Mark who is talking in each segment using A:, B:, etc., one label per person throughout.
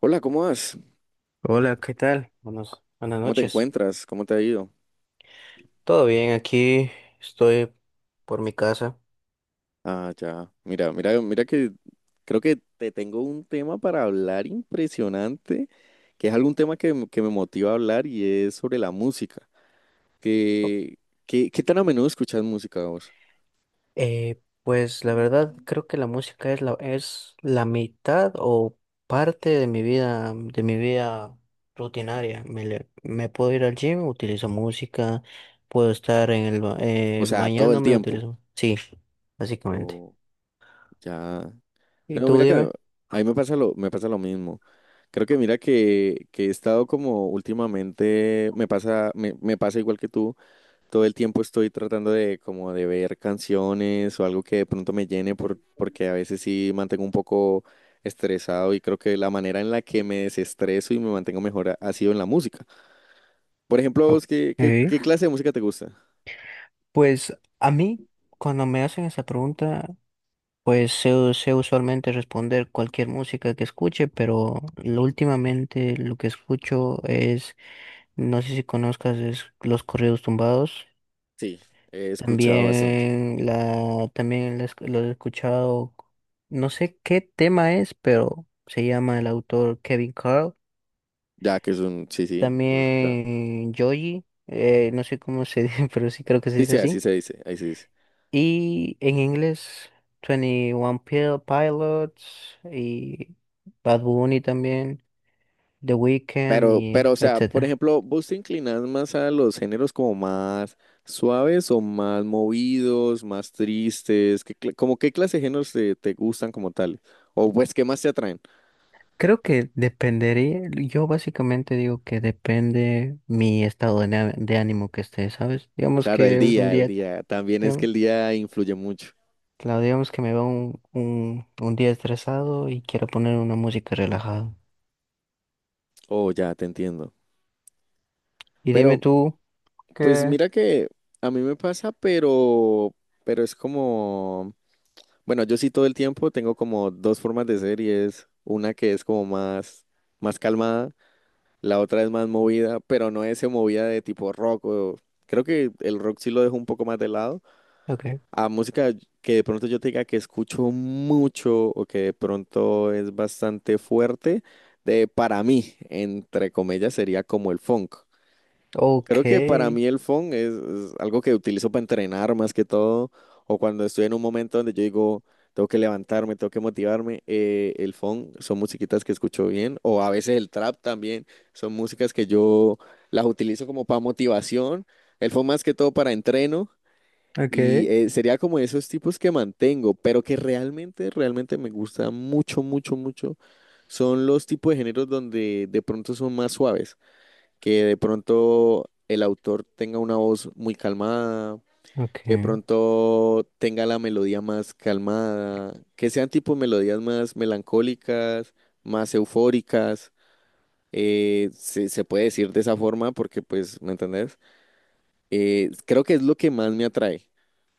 A: Hola, ¿cómo vas?
B: Hola, ¿qué tal? Buenas
A: ¿Cómo te
B: noches.
A: encuentras? ¿Cómo te ha ido?
B: ¿Todo bien? Aquí estoy por mi casa.
A: Ah, ya. Mira que creo que te tengo un tema para hablar impresionante, que es algún tema que me motiva a hablar y es sobre la música.
B: Oh,
A: ¿Qué, qué tan a menudo escuchas música vos?
B: Pues la verdad creo que la música es la mitad o parte de mi vida rutinaria. Me puedo ir al gym, utilizo música, puedo estar
A: O sea, todo el
B: bañándome,
A: tiempo.
B: utilizo. Sí, básicamente.
A: O ya.
B: ¿Y
A: Pero
B: tú
A: mira que
B: dime?
A: a mí me pasa lo mismo. Creo que mira que he estado como últimamente, me pasa igual que tú, todo el tiempo estoy tratando de como de ver canciones o algo que de pronto me llene porque a veces sí mantengo un poco estresado y creo que la manera en la que me desestreso y me mantengo mejor ha sido en la música. Por ejemplo,
B: Ok.
A: ¿vos qué clase de música te gusta?
B: Pues a mí, cuando me hacen esa pregunta, pues sé usualmente responder cualquier música que escuche, pero últimamente lo que escucho es, no sé si conozcas, es los corridos tumbados.
A: Sí, he escuchado bastante.
B: También lo he escuchado, no sé qué tema es, pero se llama el autor Kevin Carl.
A: Ya que es un, sí, sí, yo lo he escuchado.
B: También Joji, no sé cómo se dice, pero sí creo que se
A: Sí,
B: dice
A: sí, así
B: así.
A: se dice, ahí se dice.
B: Y en inglés, 21 Pilots y Bad Bunny también, The Weeknd
A: Pero,
B: y
A: pero, o sea, por
B: etcétera.
A: ejemplo, ¿vos te inclinás más a los géneros como más suaves o más movidos, más tristes? ¿Qué, como qué clase de géneros te gustan como tal? O pues, ¿qué más te atraen?
B: Creo que dependería, yo básicamente digo que depende mi estado de ánimo que esté, ¿sabes? Digamos
A: Claro, el
B: que es un
A: día, el
B: día,
A: día. También es que
B: digamos,
A: el día influye mucho.
B: claro, digamos que me va un día estresado y quiero poner una música relajada.
A: Oh, ya, te entiendo.
B: Y dime
A: Pero,
B: tú,
A: pues
B: ¿qué?
A: mira que a mí me pasa, pero es como, bueno, yo sí todo el tiempo tengo como dos formas de ser y es una que es como más, más calmada. La otra es más movida, pero no es movida de tipo rock. Creo que el rock sí lo dejo un poco más de lado.
B: Ok,
A: A música que de pronto yo te diga que escucho mucho o que de pronto es bastante fuerte, de, para mí, entre comillas, sería como el funk.
B: ok,
A: Creo que para mí el phone es algo que utilizo para entrenar más que todo, o cuando estoy en un momento donde yo digo, tengo que levantarme, tengo que motivarme, el phone son musiquitas que escucho bien, o a veces el trap también, son músicas que yo las utilizo como para motivación, el phone más que todo para entreno, y
B: ok,
A: sería como esos tipos que mantengo, pero que realmente me gusta mucho, mucho, mucho, son los tipos de géneros donde de pronto son más suaves, que de pronto el autor tenga una voz muy calmada,
B: ok,
A: que de pronto tenga la melodía más calmada, que sean tipo melodías más melancólicas, más eufóricas. Se puede decir de esa forma porque, pues, ¿me entendés? Creo que es lo que más me atrae,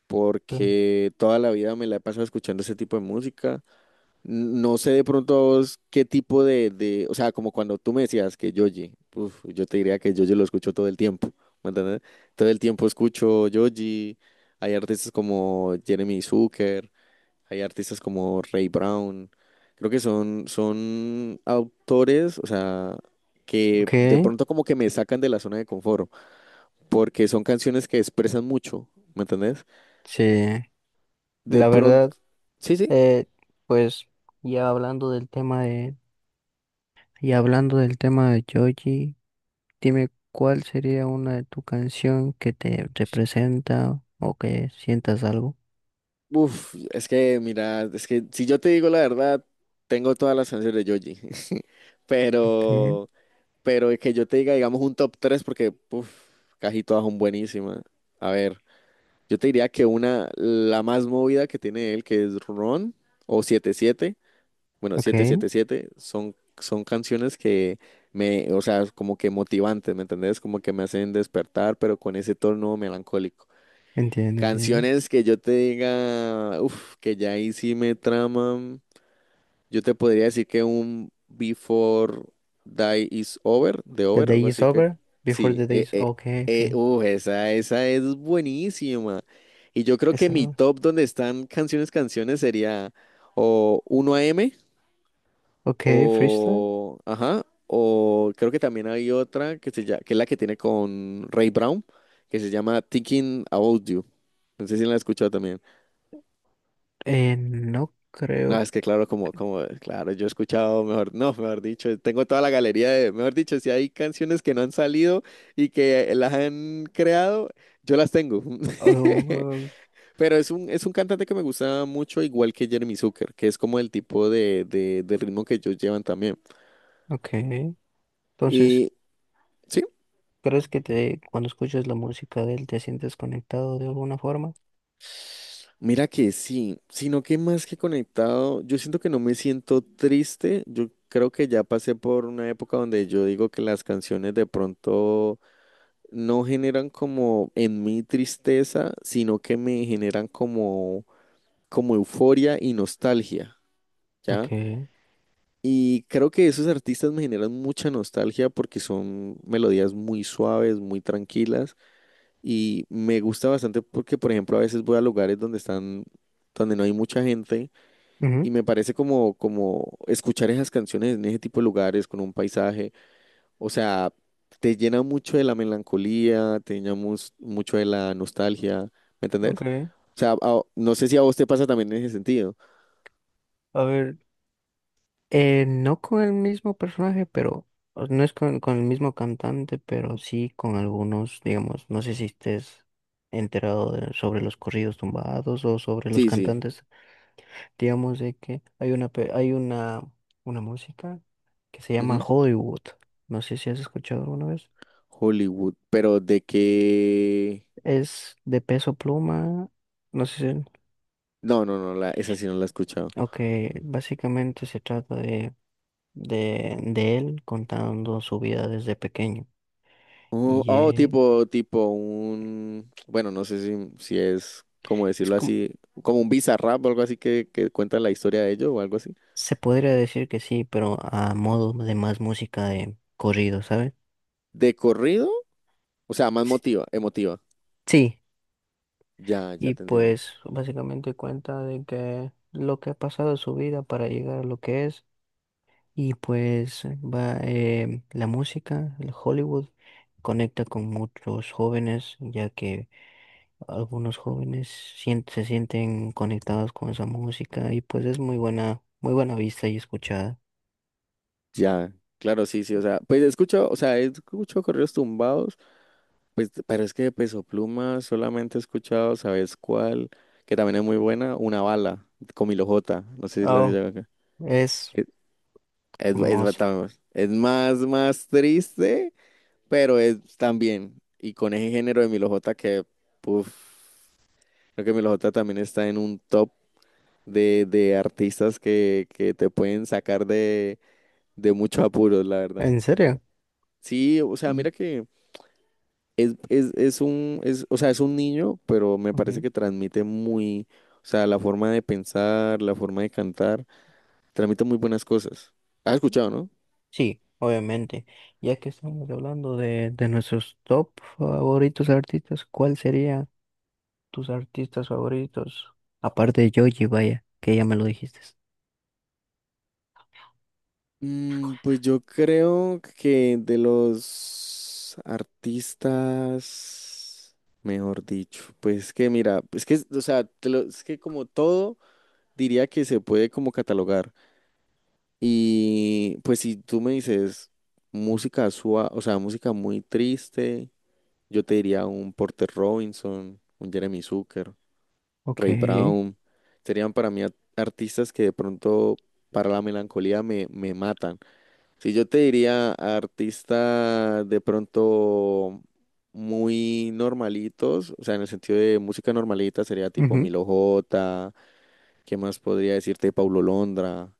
A: porque toda la vida me la he pasado escuchando ese tipo de música. No sé de pronto a vos qué tipo de, o sea, como cuando tú me decías que Yoji, uf, yo te diría que Yoji lo escucho todo el tiempo, ¿me entiendes? Todo el tiempo escucho Yoji, hay artistas como Jeremy Zucker, hay artistas como Ray Brown, creo que son autores, o sea, que
B: ok,
A: de pronto como que me sacan de la zona de confort, porque son canciones que expresan mucho, ¿me entendés?
B: sí.
A: De
B: La verdad,
A: pronto, sí, sí.
B: eh, pues ya hablando del tema de Joji, dime cuál sería una de tu canción que te representa o que sientas algo.
A: Uf, es que, mira, es que si yo te digo la verdad, tengo todas las canciones de Yoji.
B: Okay,
A: Pero, pero que yo te diga, digamos, un top 3 porque uf, casi todas son buenísimas. A ver, yo te diría que una, la más movida que tiene él, que es Ron o 77, bueno,
B: okay,
A: 777, son canciones que me, o sea, como que motivantes, ¿me entendés? Como que me hacen despertar, pero con ese tono melancólico.
B: entiendo, entiendo.
A: Canciones que yo te diga, uff, que ya ahí sí me traman. Yo te podría decir que un Before Die Is Over, de
B: The
A: Over, algo
B: day is
A: así que.
B: over, before
A: Sí,
B: the day is, okay, okay.
A: uf, esa es buenísima. Y yo creo que
B: Esa,
A: mi top donde están canciones sería o uno a m
B: okay, freestyle.
A: o. Ajá, o creo que también hay otra que, se llama, que es la que tiene con Ray Brown, que se llama Thinking About You. No sé si la he escuchado también.
B: No
A: No,
B: creo.
A: es que claro, como, claro, yo he escuchado, mejor, no, mejor dicho, tengo toda la galería de, mejor dicho, si hay canciones que no han salido y que las han creado, yo las tengo.
B: Oh,
A: Pero es un cantante que me gusta mucho, igual que Jeremy Zucker, que es como el tipo de ritmo que ellos llevan también.
B: okay. Entonces,
A: Y sí,
B: ¿crees que te, cuando escuchas la música de él, te sientes conectado de alguna forma?
A: mira que sí, sino que más que conectado, yo siento que no me siento triste, yo creo que ya pasé por una época donde yo digo que las canciones de pronto no generan como en mí tristeza, sino que me generan como, como euforia y nostalgia, ¿ya?
B: Okay.
A: Y creo que esos artistas me generan mucha nostalgia porque son melodías muy suaves, muy tranquilas y me gusta bastante porque, por ejemplo, a veces voy a lugares donde están, donde no hay mucha gente y me parece como, como escuchar esas canciones en ese tipo de lugares con un paisaje. O sea, te llena mucho de la melancolía, te llena mucho de la nostalgia, ¿me entendés?
B: Ok,
A: O sea, no sé si a vos te pasa también en ese sentido.
B: a ver, no con el mismo personaje, pero no es con el mismo cantante, pero sí con algunos, digamos, no sé si estés enterado sobre los corridos tumbados o sobre los
A: Sí, sí.
B: cantantes, digamos de que hay una pe- hay una música que se llama
A: Ujú.
B: Hollywood. No sé si has escuchado alguna vez.
A: Hollywood, pero de qué...
B: Es de Peso Pluma, no sé si,
A: No, no, no, la, esa sí no la he escuchado.
B: ok, básicamente se trata de de él contando su vida desde pequeño.
A: Oh,
B: Y
A: oh, tipo, tipo un... Bueno, no sé si, si es, como
B: es
A: decirlo
B: como,
A: así, como un Bizarrap o algo así que cuenta la historia de ellos o algo así.
B: se podría decir que sí, pero a modo de más música de corrido, ¿sabes?
A: ¿De corrido? O sea, más motiva, emotiva.
B: Sí,
A: Ya, ya
B: y
A: te entiendo.
B: pues básicamente cuenta de que lo que ha pasado en su vida para llegar a lo que es, y pues va, la música, el Hollywood, conecta con muchos jóvenes, ya que algunos jóvenes se sienten conectados con esa música, y pues es muy buena vista y escuchada.
A: Ya, claro, sí, sí, o sea, pues escucho, o sea, he escuchado corridos tumbados, pues, pero es que de Peso Pluma solamente he escuchado, ¿sabes cuál? Que también es muy buena, Una Bala, con Milo J, no sé si la
B: Oh,
A: digo acá.
B: es
A: Es, es, es
B: hermoso.
A: bata- es más, más triste, pero es también, y con ese género de Milo J que, puff, creo que Milo J también está en un top de artistas que te pueden sacar de muchos apuros, la verdad.
B: ¿En serio?
A: Sí, o sea,
B: Y-
A: mira que... Es, o sea, es un niño, pero me parece
B: ujú.
A: que transmite muy, o sea, la forma de pensar, la forma de cantar, transmite muy buenas cosas. ¿Has escuchado, no?
B: Sí, obviamente. Ya que estamos hablando de nuestros top favoritos artistas, ¿cuál serían tus artistas favoritos? Aparte de Joji, vaya, que ya me lo dijiste.
A: Mm, pues yo creo que de los artistas, mejor dicho, pues es que mira, es que, o sea, es que como todo, diría que se puede como catalogar. Y pues si tú me dices música suave, o sea, música muy triste. Yo te diría un Porter Robinson, un Jeremy Zucker,
B: Ok.
A: Ray Brown. Serían para mí artistas que de pronto para la melancolía me, me matan. Si yo te diría artista de pronto muy normalitos, o sea, en el sentido de música normalita sería tipo
B: Ujú,
A: Milo J, ¿qué más podría decirte? Paulo Londra.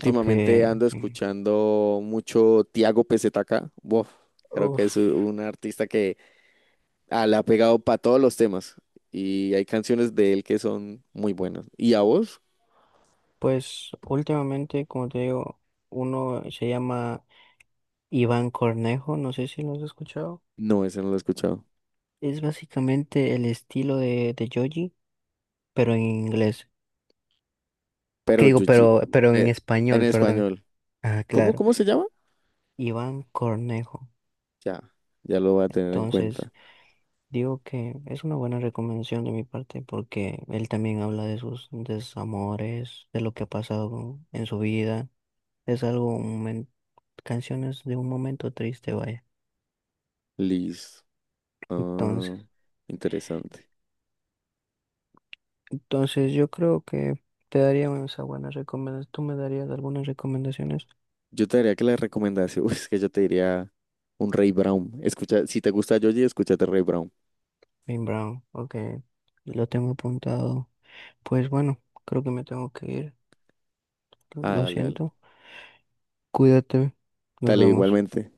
B: ok.
A: ando escuchando mucho Tiago PZK. Buf, creo que
B: Uf,
A: es un artista que... Ah, la ha pegado para todos los temas. Y hay canciones de él que son muy buenas. ¿Y a vos?
B: pues últimamente, como te digo, uno se llama Iván Cornejo, no sé si lo has escuchado.
A: No, ese no lo he escuchado.
B: Es básicamente el estilo de Joji, pero en inglés. ¿Qué
A: Pero
B: digo?
A: Yuji,
B: Pero en
A: eh, en
B: español, perdón.
A: español.
B: Ah,
A: ¿Cómo,
B: claro,
A: cómo se llama?
B: Iván Cornejo.
A: Ya, ya lo voy a tener en
B: Entonces,
A: cuenta.
B: digo que es una buena recomendación de mi parte porque él también habla de sus desamores, de lo que ha pasado en su vida. Es algo, canciones de un momento triste, vaya.
A: Liz.
B: Entonces,
A: Ah, interesante.
B: entonces yo creo que te daría esa buena recomendación. Tú me darías algunas recomendaciones.
A: Yo te diría que la recomendación, es que yo te diría un Ray Brown. Escucha, si te gusta Yoji, escúchate Ray Brown.
B: Bien, Brown, ok, lo tengo apuntado. Pues bueno, creo que me tengo que ir.
A: Ah,
B: Lo
A: dale, dale.
B: siento. Cuídate. Nos
A: Dale,
B: vemos.
A: igualmente.